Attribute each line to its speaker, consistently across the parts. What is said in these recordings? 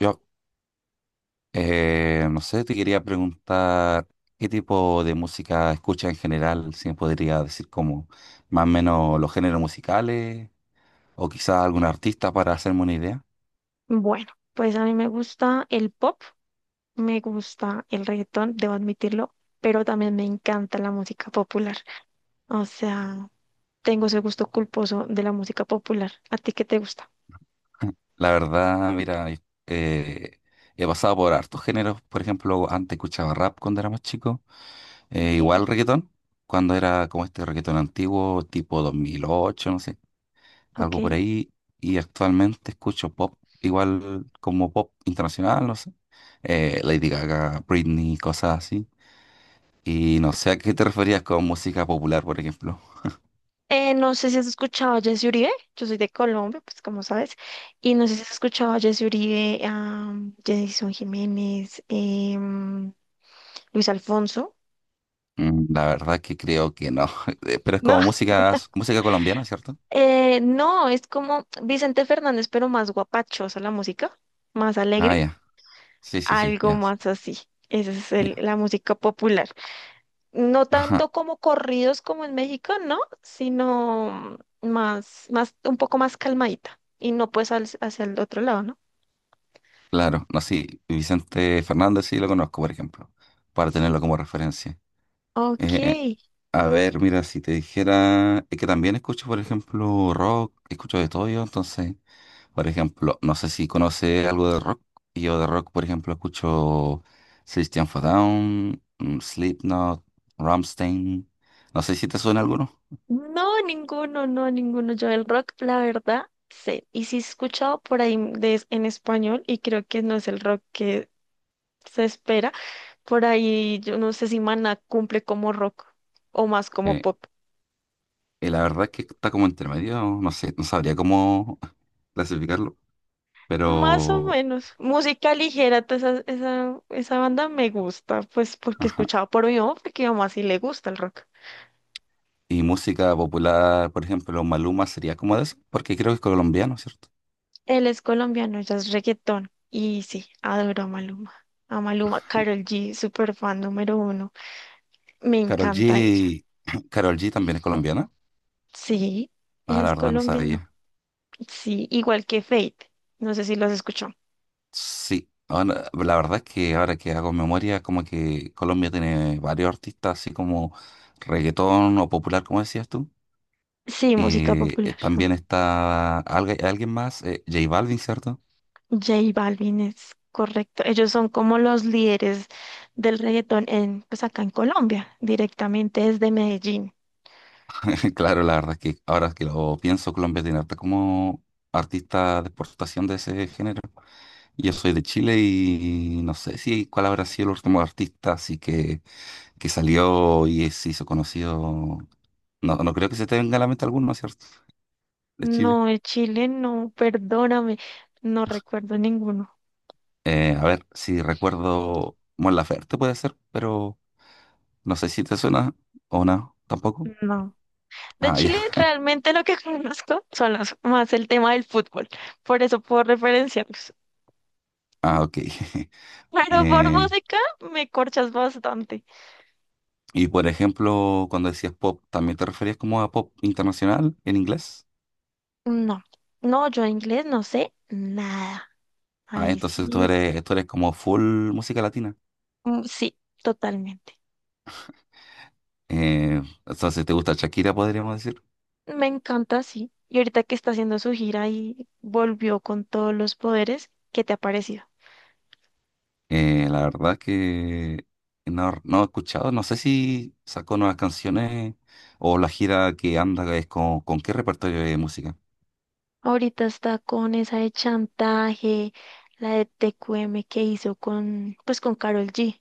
Speaker 1: Yo, no sé, te quería preguntar qué tipo de música escuchas en general, si me podría decir como más o menos los géneros musicales o quizás algún artista para hacerme una idea.
Speaker 2: Bueno, pues a mí me gusta el pop, me gusta el reggaetón, debo admitirlo, pero también me encanta la música popular. O sea, tengo ese gusto culposo de la música popular. ¿A ti qué te gusta?
Speaker 1: La verdad, mira, eh, he pasado por hartos géneros. Por ejemplo, antes escuchaba rap cuando era más chico.
Speaker 2: Okay.
Speaker 1: Igual reggaetón, cuando era como este reggaetón antiguo, tipo 2008, no sé,
Speaker 2: Ok.
Speaker 1: algo por ahí. Y actualmente escucho pop, igual como pop internacional, no sé. Lady Gaga, Britney, cosas así. Y no sé a qué te referías con música popular, por ejemplo.
Speaker 2: No sé si has escuchado a Jessy Uribe, yo soy de Colombia, pues como sabes, y no sé si has escuchado a Jessy Uribe, a Jason Jiménez, Luis Alfonso,
Speaker 1: Mm, la verdad que creo que no. Pero es
Speaker 2: ¿no?
Speaker 1: como música, música colombiana, ¿cierto?
Speaker 2: No, es como Vicente Fernández, pero más guapachosa la música, más
Speaker 1: Ah,
Speaker 2: alegre.
Speaker 1: ya. Sí, sí, sí,
Speaker 2: Algo
Speaker 1: ya.
Speaker 2: más así. Esa es
Speaker 1: Ya.
Speaker 2: la música popular. No
Speaker 1: Ajá,
Speaker 2: tanto como corridos como en México, ¿no? Sino más, más, un poco más calmadita. Y no pues hacia el otro lado, ¿no?
Speaker 1: claro, no, sí. Vicente Fernández sí lo conozco, por ejemplo, para tenerlo como referencia.
Speaker 2: Ok.
Speaker 1: Eh, A ver, mira, si te dijera, es que también escucho, por ejemplo, rock, escucho de todo yo. Entonces, por ejemplo, no sé si conoce algo de rock. Yo de rock, por ejemplo, escucho System of a Down, mm, Slipknot, Rammstein, no sé si te suena alguno.
Speaker 2: No, ninguno, no, ninguno. Yo el rock, la verdad, sé. Y sí he escuchado por ahí de, en español y creo que no es el rock que se espera. Por ahí, yo no sé si Maná cumple como rock o más como
Speaker 1: Eh,
Speaker 2: pop.
Speaker 1: y la verdad es que está como intermedio, no sé, no sabría cómo clasificarlo,
Speaker 2: Más o
Speaker 1: pero,
Speaker 2: menos. Música ligera, toda esa, esa banda me gusta, pues porque
Speaker 1: ajá.
Speaker 2: escuchaba por mi mamá, porque a mi mamá sí le gusta el rock.
Speaker 1: Y música popular, por ejemplo, Maluma sería como de eso, porque creo que es colombiano, ¿cierto?
Speaker 2: Él es colombiano, ella es reggaetón. Y sí, adoro a Maluma. A Maluma, Karol G, super fan número uno. Me
Speaker 1: Carol
Speaker 2: encanta ella.
Speaker 1: G, Karol G también es colombiana.
Speaker 2: Sí, ella
Speaker 1: Ah, la
Speaker 2: es
Speaker 1: verdad no
Speaker 2: colombiana.
Speaker 1: sabía.
Speaker 2: Sí, igual que Fate. No sé si los escuchó.
Speaker 1: Sí, ahora- la verdad es que ahora que hago memoria, como que Colombia tiene varios artistas, así como reggaetón o popular, como decías tú.
Speaker 2: Sí, música
Speaker 1: Y
Speaker 2: popular.
Speaker 1: también está algu- alguien más, J Balvin, ¿cierto?
Speaker 2: J Balvin es correcto. Ellos son como los líderes del reggaetón en, pues acá en Colombia, directamente desde Medellín.
Speaker 1: Claro, la verdad es que ahora que lo pienso, Colombia tiene harta como artista de exportación de ese género. Yo soy de Chile y no sé si cuál habrá sido el último artista, así que salió y se hizo conocido. No, no creo que se te venga a la mente alguno, ¿cierto? De Chile.
Speaker 2: No, de Chile no, perdóname, no recuerdo ninguno.
Speaker 1: A ver, si recuerdo Mon Laferte puede ser, pero no sé si te suena o no, tampoco.
Speaker 2: No. De
Speaker 1: Ah, ya.
Speaker 2: Chile realmente lo que conozco son más el tema del fútbol, por eso puedo referenciarlos.
Speaker 1: Ah, ok.
Speaker 2: Pero por
Speaker 1: Eh,
Speaker 2: música me corchas bastante.
Speaker 1: y por ejemplo, cuando decías pop, ¿también te referías como a pop internacional en inglés?
Speaker 2: No, no, yo inglés no sé nada.
Speaker 1: Ah,
Speaker 2: Ahí
Speaker 1: entonces
Speaker 2: sí,
Speaker 1: tú eres como full música latina.
Speaker 2: mm, sí, totalmente.
Speaker 1: Entonces te gusta Shakira, podríamos decir.
Speaker 2: Me encanta, sí. Y ahorita que está haciendo su gira y volvió con todos los poderes, ¿qué te ha parecido?
Speaker 1: La verdad que no, no he escuchado, no sé si sacó nuevas canciones o la gira que anda es con qué repertorio de música.
Speaker 2: Ahorita está con esa de chantaje, la de TQM que hizo con, pues con Karol G.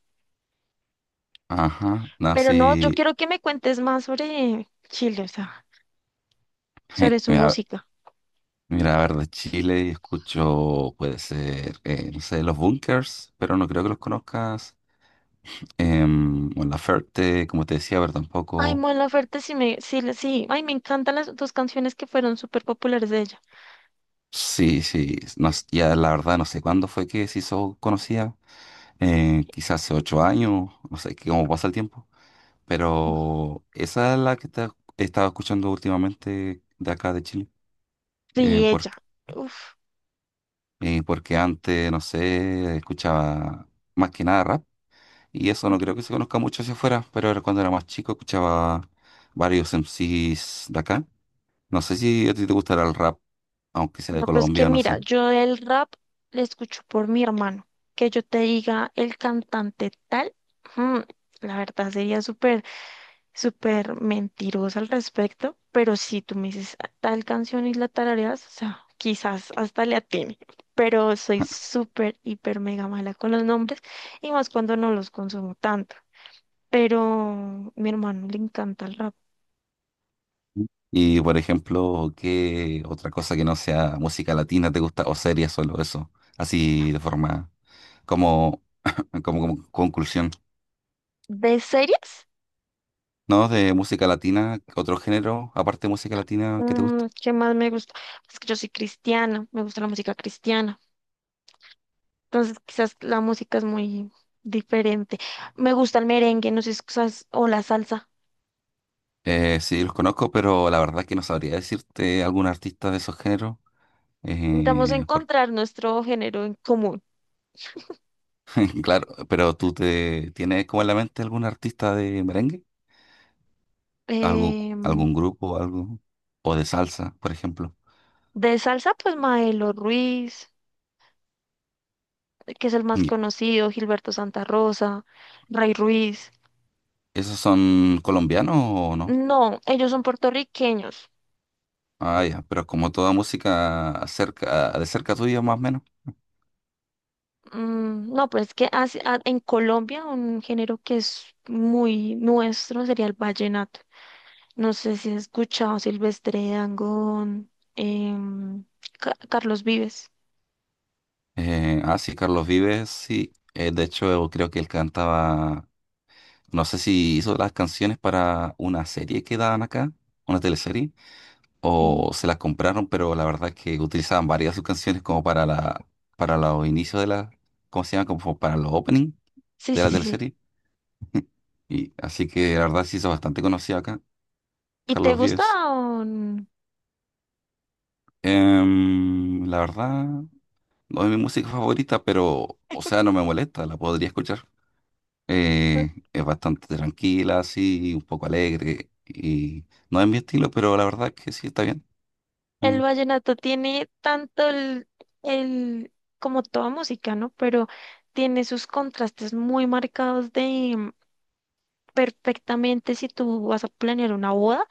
Speaker 1: Ajá, no,
Speaker 2: Pero no, yo
Speaker 1: sí.
Speaker 2: quiero que me cuentes más sobre Chile, o sea, sobre su
Speaker 1: Mira,
Speaker 2: música.
Speaker 1: mira, a ver, de Chile escucho, puede ser, no sé, Los Bunkers, pero no creo que los conozcas. Em, o La Ferte, como te decía, pero
Speaker 2: Ay,
Speaker 1: tampoco.
Speaker 2: Mon Laferte, sí me, sí, sí. Ay, me encantan las dos canciones que fueron súper populares de ella.
Speaker 1: Sí, sí, no s- ya la verdad no sé cuándo fue que se hizo conocida. Quizás hace 8 años, no sé, que cómo pasa el tiempo.
Speaker 2: Uf.
Speaker 1: Pero esa es la que está- he estado escuchando últimamente de acá de Chile. eh,
Speaker 2: Sí,
Speaker 1: por-
Speaker 2: ella. Uf.
Speaker 1: Porque antes, no sé, escuchaba más que nada rap. Y eso no creo
Speaker 2: Ok.
Speaker 1: que se conozca mucho hacia afuera, pero era cuando era más chico escuchaba varios MCs de acá. No sé si a ti te gustará el rap, aunque sea de
Speaker 2: No, pues que
Speaker 1: Colombia, no
Speaker 2: mira,
Speaker 1: sé.
Speaker 2: yo el rap le escucho por mi hermano. Que yo te diga el cantante tal, mm, la verdad sería súper, súper mentirosa al respecto. Pero si tú me dices "Ah, tal canción y la tarareas, o sea, quizás hasta le atine. Pero soy súper, hiper, mega mala con los nombres y más cuando no los consumo tanto. Pero mi hermano le encanta el rap.
Speaker 1: Y por ejemplo, ¿qué otra cosa que no sea música latina te gusta? O series, solo eso. Así de forma como, como, como conclusión.
Speaker 2: ¿De series?
Speaker 1: ¿No? De música latina, otro género, aparte de música latina que te guste.
Speaker 2: Mm, ¿qué más me gusta? Es que yo soy cristiana, me gusta la música cristiana. Entonces, quizás la música es muy diferente. Me gusta el merengue, no sé si o la salsa.
Speaker 1: Sí, los conozco, pero la verdad que no sabría decirte algún artista de esos géneros.
Speaker 2: Intentamos
Speaker 1: Eh, por-
Speaker 2: encontrar nuestro género en común.
Speaker 1: claro, pero ¿tú te tienes como en la mente algún artista de merengue? ¿Algún,
Speaker 2: Em,
Speaker 1: algún grupo, algo? O de salsa, por ejemplo.
Speaker 2: de salsa, pues Maelo Ruiz, que es el más
Speaker 1: ¿Y
Speaker 2: conocido, Gilberto Santa Rosa, Ray Ruiz.
Speaker 1: ¿esos son colombianos o no?
Speaker 2: No, ellos son puertorriqueños.
Speaker 1: Ah, ya, pero como toda música cerca, de cerca tuya más o menos.
Speaker 2: Mm, no, pero es que en Colombia un género que es muy nuestro sería el vallenato. No sé si has escuchado Silvestre Dangond, em, Carlos Vives.
Speaker 1: Sí, Carlos Vives, sí. De hecho, creo que él cantaba, no sé si hizo las canciones para una serie que daban acá, una teleserie,
Speaker 2: Sí.
Speaker 1: o se las compraron, pero la verdad es que utilizaban varias de sus canciones como para la, para los inicios de la, ¿cómo se llama? Como para los opening
Speaker 2: Sí,
Speaker 1: de
Speaker 2: sí,
Speaker 1: la
Speaker 2: sí, sí.
Speaker 1: teleserie. Y así que la verdad se hizo bastante conocido acá,
Speaker 2: ¿Y te
Speaker 1: Carlos
Speaker 2: gusta
Speaker 1: Vives.
Speaker 2: o
Speaker 1: Em, la verdad, no es mi música favorita, pero, o sea, no me molesta, la podría escuchar. Es bastante tranquila, así, un poco alegre, y no es mi estilo, pero la verdad es que sí está bien.
Speaker 2: El
Speaker 1: Mm,
Speaker 2: vallenato tiene tanto el- como toda música, ¿no? Pero tiene sus contrastes muy marcados de perfectamente si tú vas a planear una boda.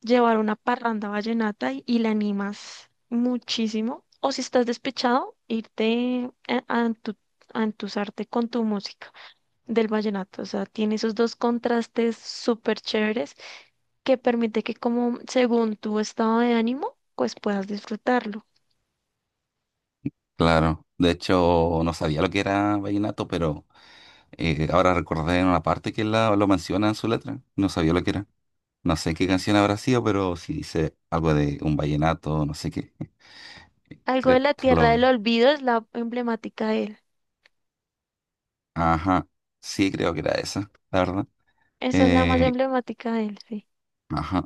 Speaker 2: Llevar una parranda vallenata y la animas muchísimo. O si estás despechado, irte a entusarte con tu música del vallenato. O sea, tiene esos dos contrastes súper chéveres que permite que como según tu estado de ánimo, pues puedas disfrutarlo.
Speaker 1: claro, de hecho no sabía lo que era vallenato, pero ahora recordé en una parte que la, lo menciona en su letra, no sabía lo que era. No sé qué canción habrá sido, pero si dice algo de un vallenato, no sé qué.
Speaker 2: Algo de
Speaker 1: Creo,
Speaker 2: la
Speaker 1: lo
Speaker 2: Tierra del
Speaker 1: vi.
Speaker 2: Olvido es la emblemática de él.
Speaker 1: Ajá, sí creo que era esa, la verdad.
Speaker 2: Esa es la más
Speaker 1: Eh,
Speaker 2: emblemática de él, sí.
Speaker 1: ajá,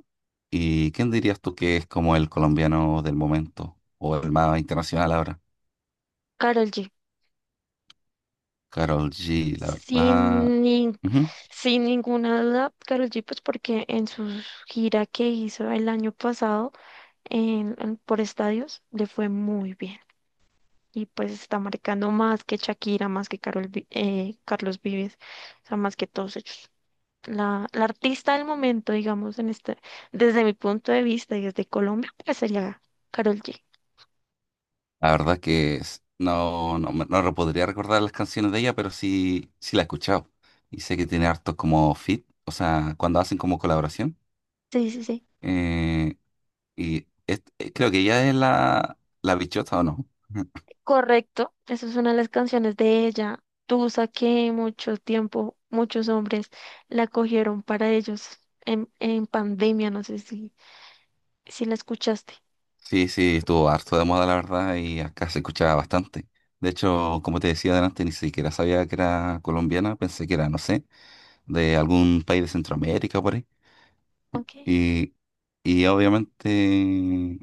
Speaker 1: ¿y quién dirías tú que es como el colombiano del momento o el más internacional ahora?
Speaker 2: Karol G.
Speaker 1: Karol G, la verdad.
Speaker 2: Sin, nin- Sin ninguna duda, Karol G, pues porque en su gira que hizo el año pasado por estadios le fue muy bien y pues está marcando más que Shakira, más que Carlos Vives, o sea, más que todos ellos. La artista del momento, digamos, en este, desde mi punto de vista y desde Colombia, pues sería Karol G.
Speaker 1: La verdad es que s- no, no, me- no re- podría recordar las canciones de ella, pero sí, sí la he escuchado. Y sé que tiene hartos como fit, o sea, cuando hacen como colaboración.
Speaker 2: Sí, sí, sí.
Speaker 1: Eh, Creo que ella es la, la bichota, ¿o no?
Speaker 2: Correcto, esa es una de las canciones de ella. Tusa que mucho tiempo, muchos hombres la cogieron para ellos en pandemia, no sé si, si la escuchaste.
Speaker 1: Sí, sí, estuvo harto de moda, la verdad, y acá se escuchaba bastante. De hecho, como te decía adelante, ni siquiera sabía que era colombiana, pensé que era, no sé, de algún país de Centroamérica por ahí.
Speaker 2: Ok.
Speaker 1: Y, y obviamente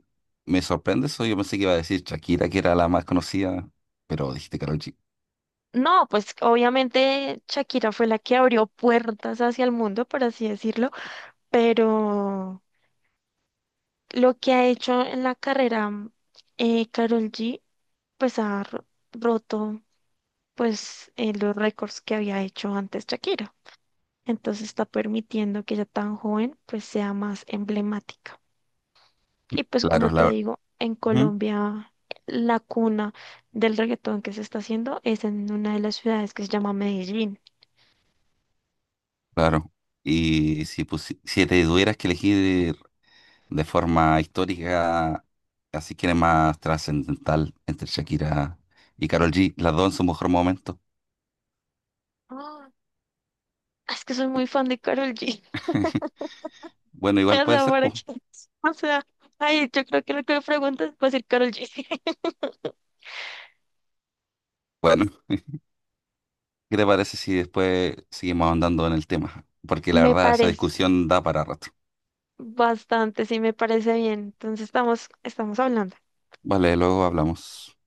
Speaker 1: me sorprende eso. Yo pensé que iba a decir Shakira, que era la más conocida, pero dijiste Karol G.
Speaker 2: No, pues obviamente Shakira fue la que abrió puertas hacia el mundo, por así decirlo, pero lo que ha hecho en la carrera Karol G, pues ha roto pues los récords que había hecho antes Shakira. Entonces está permitiendo que ella tan joven pues sea más emblemática. Y pues
Speaker 1: Claro,
Speaker 2: como
Speaker 1: es la
Speaker 2: te
Speaker 1: verdad.
Speaker 2: digo, en Colombia la cuna del reggaetón que se está haciendo es en una de las ciudades que se llama Medellín.
Speaker 1: Claro. Y si, pusi- si te tuvieras que elegir de forma histórica, así que era más trascendental entre Shakira y Karol G, las dos en su mejor momento.
Speaker 2: Ah, es que soy muy fan de Karol G.
Speaker 1: Bueno,
Speaker 2: O
Speaker 1: igual puede
Speaker 2: sea,
Speaker 1: ser, pues.
Speaker 2: o sea, ay, yo creo que lo que me preguntas va a ser Karol G.
Speaker 1: Bueno, ¿qué te parece si después seguimos andando en el tema? Porque la
Speaker 2: Me
Speaker 1: verdad, esa
Speaker 2: parece
Speaker 1: discusión da para rato.
Speaker 2: bastante, sí, me parece bien. Entonces estamos hablando.
Speaker 1: Vale, luego hablamos.